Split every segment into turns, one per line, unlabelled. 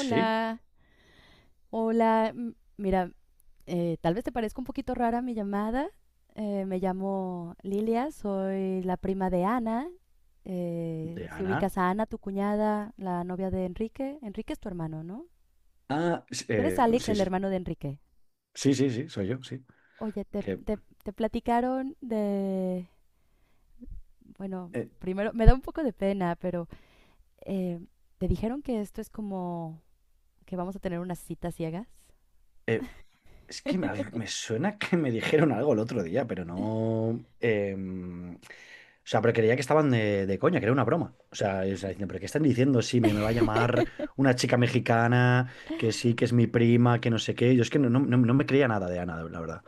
Sí,
hola. Mira, tal vez te parezca un poquito rara mi llamada. Me llamo Lilia, soy la prima de Ana.
de
Si
Ana.
ubicas a Ana, tu cuñada, la novia de Enrique. Enrique es tu hermano, ¿no?
Ah, s-
Tú eres
eh,
Alex,
sí,
el
sí,
hermano de Enrique.
sí, sí, sí, soy yo, sí.
Oye, te,
Que,
te, te platicaron de... Bueno,
eh,
primero, me da un poco de pena, pero eh, ¿te dijeron que esto es como que vamos a tener unas citas ciegas?
eh, es que me suena que me dijeron algo el otro día, pero no... o sea, pero creía que estaban de coña, que era una broma. O sea, o sea, diciendo, pero ¿qué están diciendo? Sí, me va a llamar una chica mexicana, que sí, que es mi prima, que no sé qué. Yo es que no me creía nada de Ana, la verdad.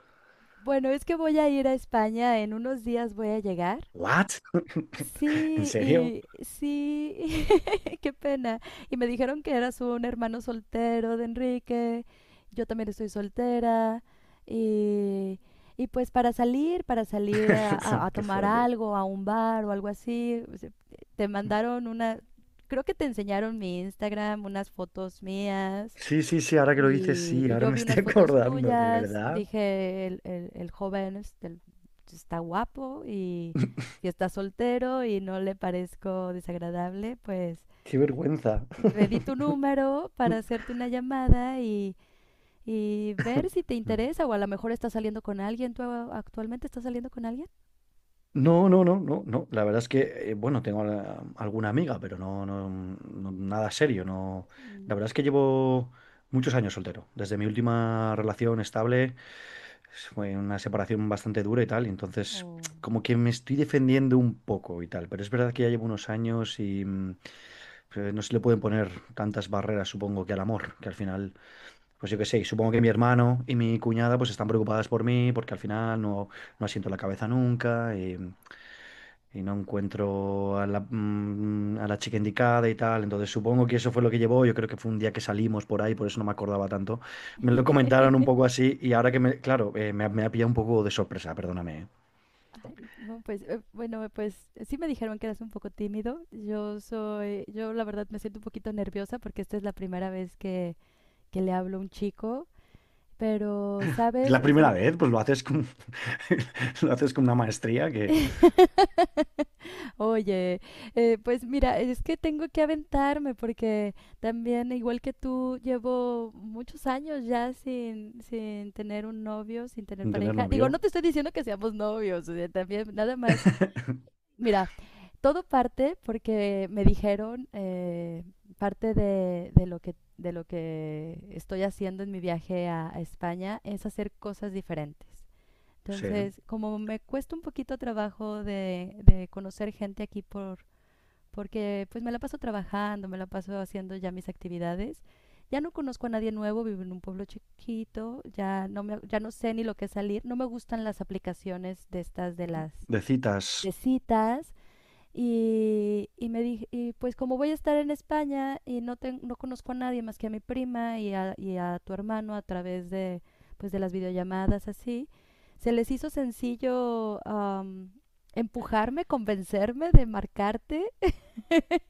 Bueno, es que voy a ir a España, en unos días voy a llegar.
¿What? ¿En
Sí,
serio?
y sí, qué pena. Y me dijeron que eras un hermano soltero de Enrique, yo también estoy soltera, y, y pues para salir a
Qué
tomar
fuerte.
algo, a un bar o algo así, o sea, te mandaron una, creo que te enseñaron mi Instagram, unas fotos mías,
Sí, sí, sí, ahora que lo dices, sí,
y
ahora
yo
me
vi
estoy
unas fotos
acordando, de
tuyas,
verdad.
dije, el joven este, está guapo y si está soltero y no le parezco desagradable, pues
Qué vergüenza.
le di tu número para hacerte una llamada y ver si te interesa o a lo mejor estás saliendo con alguien. ¿Tú actualmente estás saliendo con alguien?
No, no, no, no, no. La verdad es que, bueno, tengo alguna amiga, pero nada serio. No.
Mm,
La verdad es que llevo muchos años soltero. Desde mi última relación estable, fue una separación bastante dura y tal. Y entonces,
o-
como que me estoy defendiendo un poco y tal. Pero es verdad que ya llevo unos años y, pues, no se le pueden poner tantas barreras, supongo, que al amor, que al final. Pues yo qué sé, y supongo que mi hermano y mi cuñada pues están preocupadas por mí porque al final no, no asiento la cabeza nunca y, y no encuentro a la, a la chica indicada y tal. Entonces supongo que eso fue lo que llevó. Yo creo que fue un día que salimos por ahí, por eso no me acordaba tanto. Me lo comentaron un poco así y ahora que me, claro, me ha pillado un poco de sorpresa, perdóname. ¿Eh?
Ay, no, pues, bueno, pues sí me dijeron que eras un poco tímido. Yo soy, yo la verdad me siento un poquito nerviosa porque esta es la primera vez que le hablo a un chico, pero,
Es
¿sabes?
la
O sea,
primera vez, pues lo haces con, lo haces con una maestría que
Oye, pues mira, es que tengo que aventarme porque también, igual que tú, llevo muchos años ya sin, sin tener un novio, sin tener
sin tener
pareja. Digo, no
novio.
te estoy diciendo que seamos novios, o sea, también nada más. Mira, todo parte porque me dijeron, parte de lo que estoy haciendo en mi viaje a España es hacer cosas diferentes.
Sí,
Entonces, como me cuesta un poquito trabajo de conocer gente aquí por, porque pues me la paso trabajando, me la paso haciendo ya mis actividades, ya no conozco a nadie nuevo, vivo en un pueblo chiquito, ya no me, ya no sé ni lo que es salir, no me gustan las aplicaciones de estas de las
de
de
citas.
citas, y me dije, y pues como voy a estar en España y no, no conozco a nadie más que a mi prima y a tu hermano a través de, pues de las videollamadas así, se les hizo sencillo empujarme, convencerme de marcarte.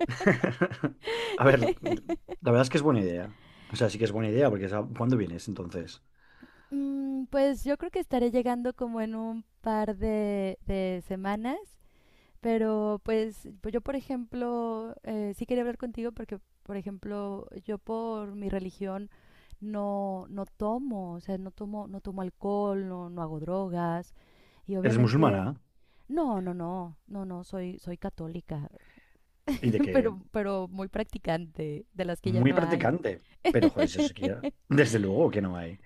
A ver, la verdad es que es buena idea. O sea, sí que es buena idea, porque ¿cuándo vienes entonces?
Mm, pues yo creo que estaré llegando como en un par de semanas. Pero pues, pues yo, por ejemplo, sí quería hablar contigo porque, por ejemplo, yo por mi religión no, no tomo, o sea, no tomo, no tomo alcohol, no, no hago drogas. Y
¿Eres musulmana
obviamente, no, no, no, no, no, soy, soy católica,
y de que
pero muy practicante, de las que ya
muy
no hay.
practicante? Pero joder, eso sí que desde luego que no hay.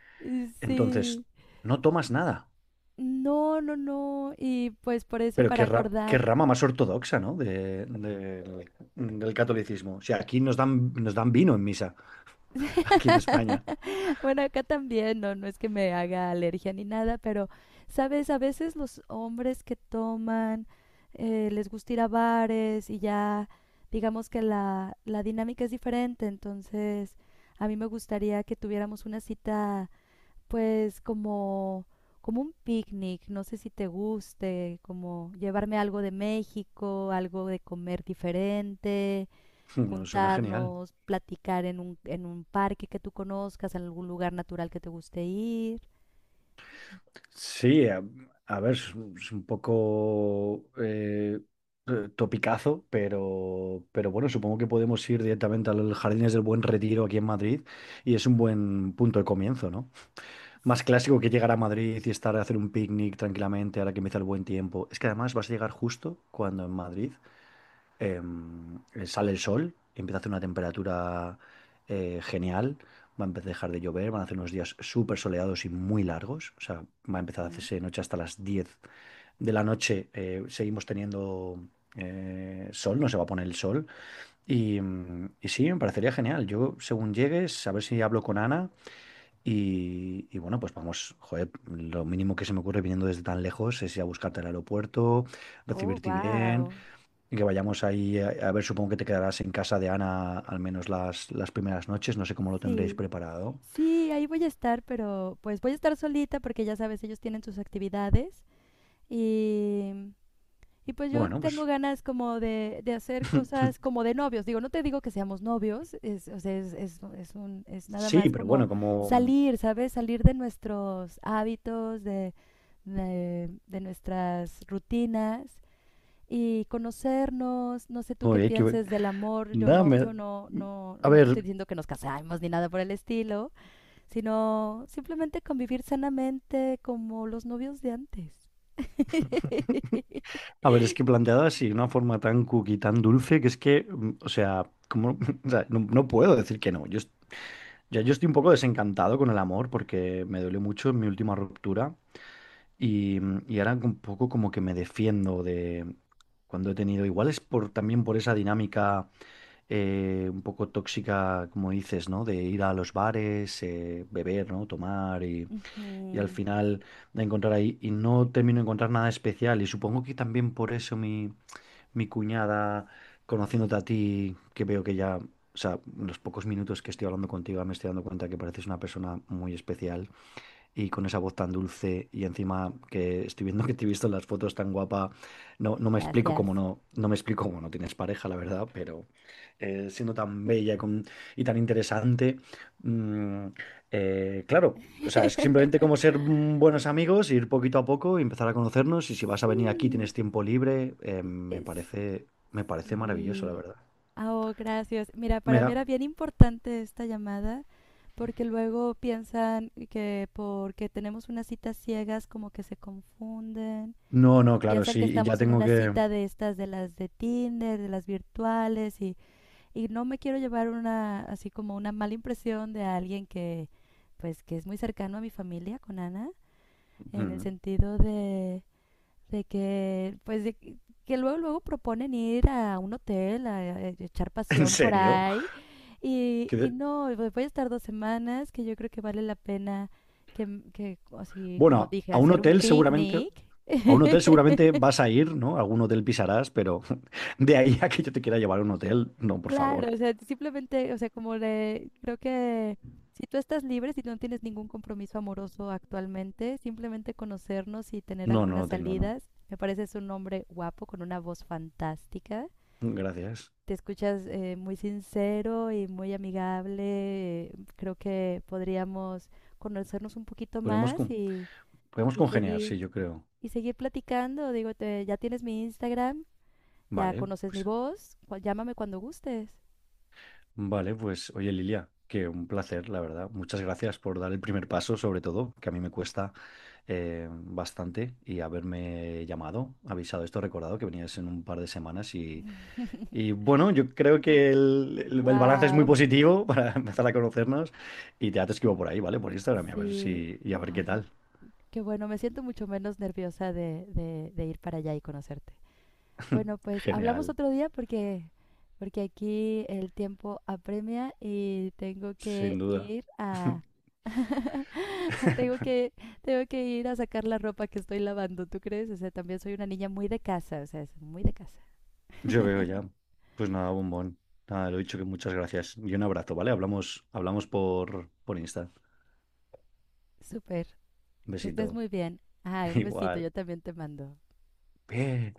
Entonces,
Sí.
no tomas nada.
No, no, no. Y pues por eso,
Pero
para
qué
acordar.
rama más ortodoxa, ¿no? Del del catolicismo. O sea, aquí nos dan vino en misa, aquí en España.
Bueno, acá también, no, no es que me haga alergia ni nada, pero, ¿sabes? A veces los hombres que toman, les gusta ir a bares y ya, digamos que la dinámica es diferente, entonces a mí me gustaría que tuviéramos una cita, pues, como, como un picnic, no sé si te guste, como llevarme algo de México, algo de comer diferente,
No, suena genial.
juntarnos, platicar en un parque que tú conozcas, en algún lugar natural que te guste ir.
Sí, a ver, es un poco topicazo, pero bueno, supongo que podemos ir directamente al Jardines del Buen Retiro aquí en Madrid y es un buen punto de comienzo, ¿no? Más clásico que llegar a Madrid y estar a hacer un picnic tranquilamente ahora que empieza el buen tiempo. Es que además vas a llegar justo cuando en Madrid sale el sol, empieza a hacer una temperatura genial, va a empezar a dejar de llover, van a hacer unos días súper soleados y muy largos, o sea, va a empezar a
Ujú.
hacerse noche hasta las 10 de la noche, seguimos teniendo sol, no se va a poner el sol, y, y sí, me parecería genial, yo según llegues, a ver si hablo con Ana. Y bueno, pues vamos, joder, lo mínimo que se me ocurre viniendo desde tan lejos es ir a buscarte al aeropuerto,
Oh,
recibirte bien,
wow.
y que vayamos ahí a ver, supongo que te quedarás en casa de Ana al menos las primeras noches, no sé cómo lo tendréis
Sí.
preparado.
Sí, ahí voy a estar, pero pues voy a estar solita porque ya sabes, ellos tienen sus actividades y. Y pues yo
Bueno,
tengo
pues
ganas como de hacer cosas como de novios. Digo, no te digo que seamos novios, es, o sea, es un, es nada
sí,
más
pero
como
bueno, como...
salir, ¿sabes? Salir de nuestros hábitos, de nuestras rutinas y conocernos. No sé tú qué
Oye, que... ve-
pienses del amor. Yo
Nada,
no,
me-
yo no, no,
A
no te
ver,
estoy diciendo que nos casemos ni nada por el estilo, sino simplemente convivir sanamente como los novios de antes.
a ver, es que planteado así, de una forma tan cookie, tan dulce, que es que, o sea, como, o sea, no, no puedo decir que no. Ya yo estoy un poco desencantado con el amor porque me duele mucho en mi última ruptura. Y, y ahora un poco como que me defiendo de cuando he tenido, igual es por también por esa dinámica un poco tóxica, como dices, ¿no? De ir a los bares, beber, ¿no? Tomar y al
Ujú.
final de encontrar ahí y no termino de encontrar nada especial. Y supongo que también por eso mi, mi cuñada, conociéndote a ti, que veo que ya, o sea, en los pocos minutos que estoy hablando contigo me estoy dando cuenta que pareces una persona muy especial y con esa voz tan dulce y encima que estoy viendo que te he visto en las fotos tan guapa, no, no me explico
Gracias.
cómo no, no me explico cómo no tienes pareja, la verdad, pero siendo tan bella y y tan interesante, mm, claro, o sea, es simplemente como ser buenos amigos, ir poquito a poco, y empezar a conocernos y si vas a venir aquí,
Sí,
tienes tiempo libre,
es-
me parece maravilloso, la
sí.
verdad.
Ah, Oh, gracias. Mira, para mí
Mira,
era bien importante esta llamada porque luego piensan que porque tenemos unas citas ciegas como que se confunden.
no, no, claro,
Piensan
sí,
que
y ya
estamos en
tengo
una
que...
cita de estas, de las de Tinder, de las virtuales y no me quiero llevar una, así como una mala impresión de alguien que, pues, que es muy cercano a mi familia con Ana, en el
Ujú.
sentido de... De que, pues, de que luego, luego proponen ir a un hotel a echar
¿En
pasión por
serio?
ahí. Y no, y voy a estar dos semanas, que yo creo que vale la pena que, que así como
Bueno,
dije,
a un
hacer un
hotel seguramente,
picnic.
a un hotel seguramente vas a ir, ¿no? Algún hotel pisarás, pero de ahí a que yo te quiera llevar a un hotel, no, por
Claro,
favor.
o sea, simplemente, o sea, como le, creo que si tú estás libre, si no tienes ningún compromiso amoroso actualmente, simplemente conocernos y tener
No, no
algunas
lo tengo, no.
salidas, me parece es un hombre guapo con una voz fantástica.
Gracias.
Te escuchas muy sincero y muy amigable. Creo que podríamos conocernos un poquito
Podemos
más
con- Podemos
y
congeniar,
seguir
sí, yo creo.
y seguir platicando. Digo, ya tienes mi Instagram, ya
Vale,
conoces mi
pues,
voz, llámame cuando gustes.
vale, pues, oye, Lilia, que un placer, la verdad. Muchas gracias por dar el primer paso, sobre todo, que a mí me cuesta bastante, y haberme llamado, avisado esto, recordado que venías en un par de semanas y bueno, yo creo que el balance es muy
Wow,
positivo para empezar a conocernos y ya te escribo por ahí, ¿vale? Por Instagram y a ver
sí.
si y a ver qué
Ay,
tal.
qué bueno, me siento mucho menos nerviosa de ir para allá y conocerte. Bueno, pues hablamos
Genial,
otro día porque, porque aquí el tiempo apremia y tengo que
sin duda.
ir a tengo que, tengo que ir a sacar la ropa que estoy lavando, ¿tú crees? O sea, también soy una niña muy de casa, o sea, es muy de casa.
Yo veo ya. Pues nada, bombón. Nada, lo he dicho que muchas gracias y un abrazo, ¿vale? Hablamos, hablamos por Insta.
Súper,
Un
que estés
besito.
muy bien. Ay, un besito,
Igual.
yo también te mando.
Bien.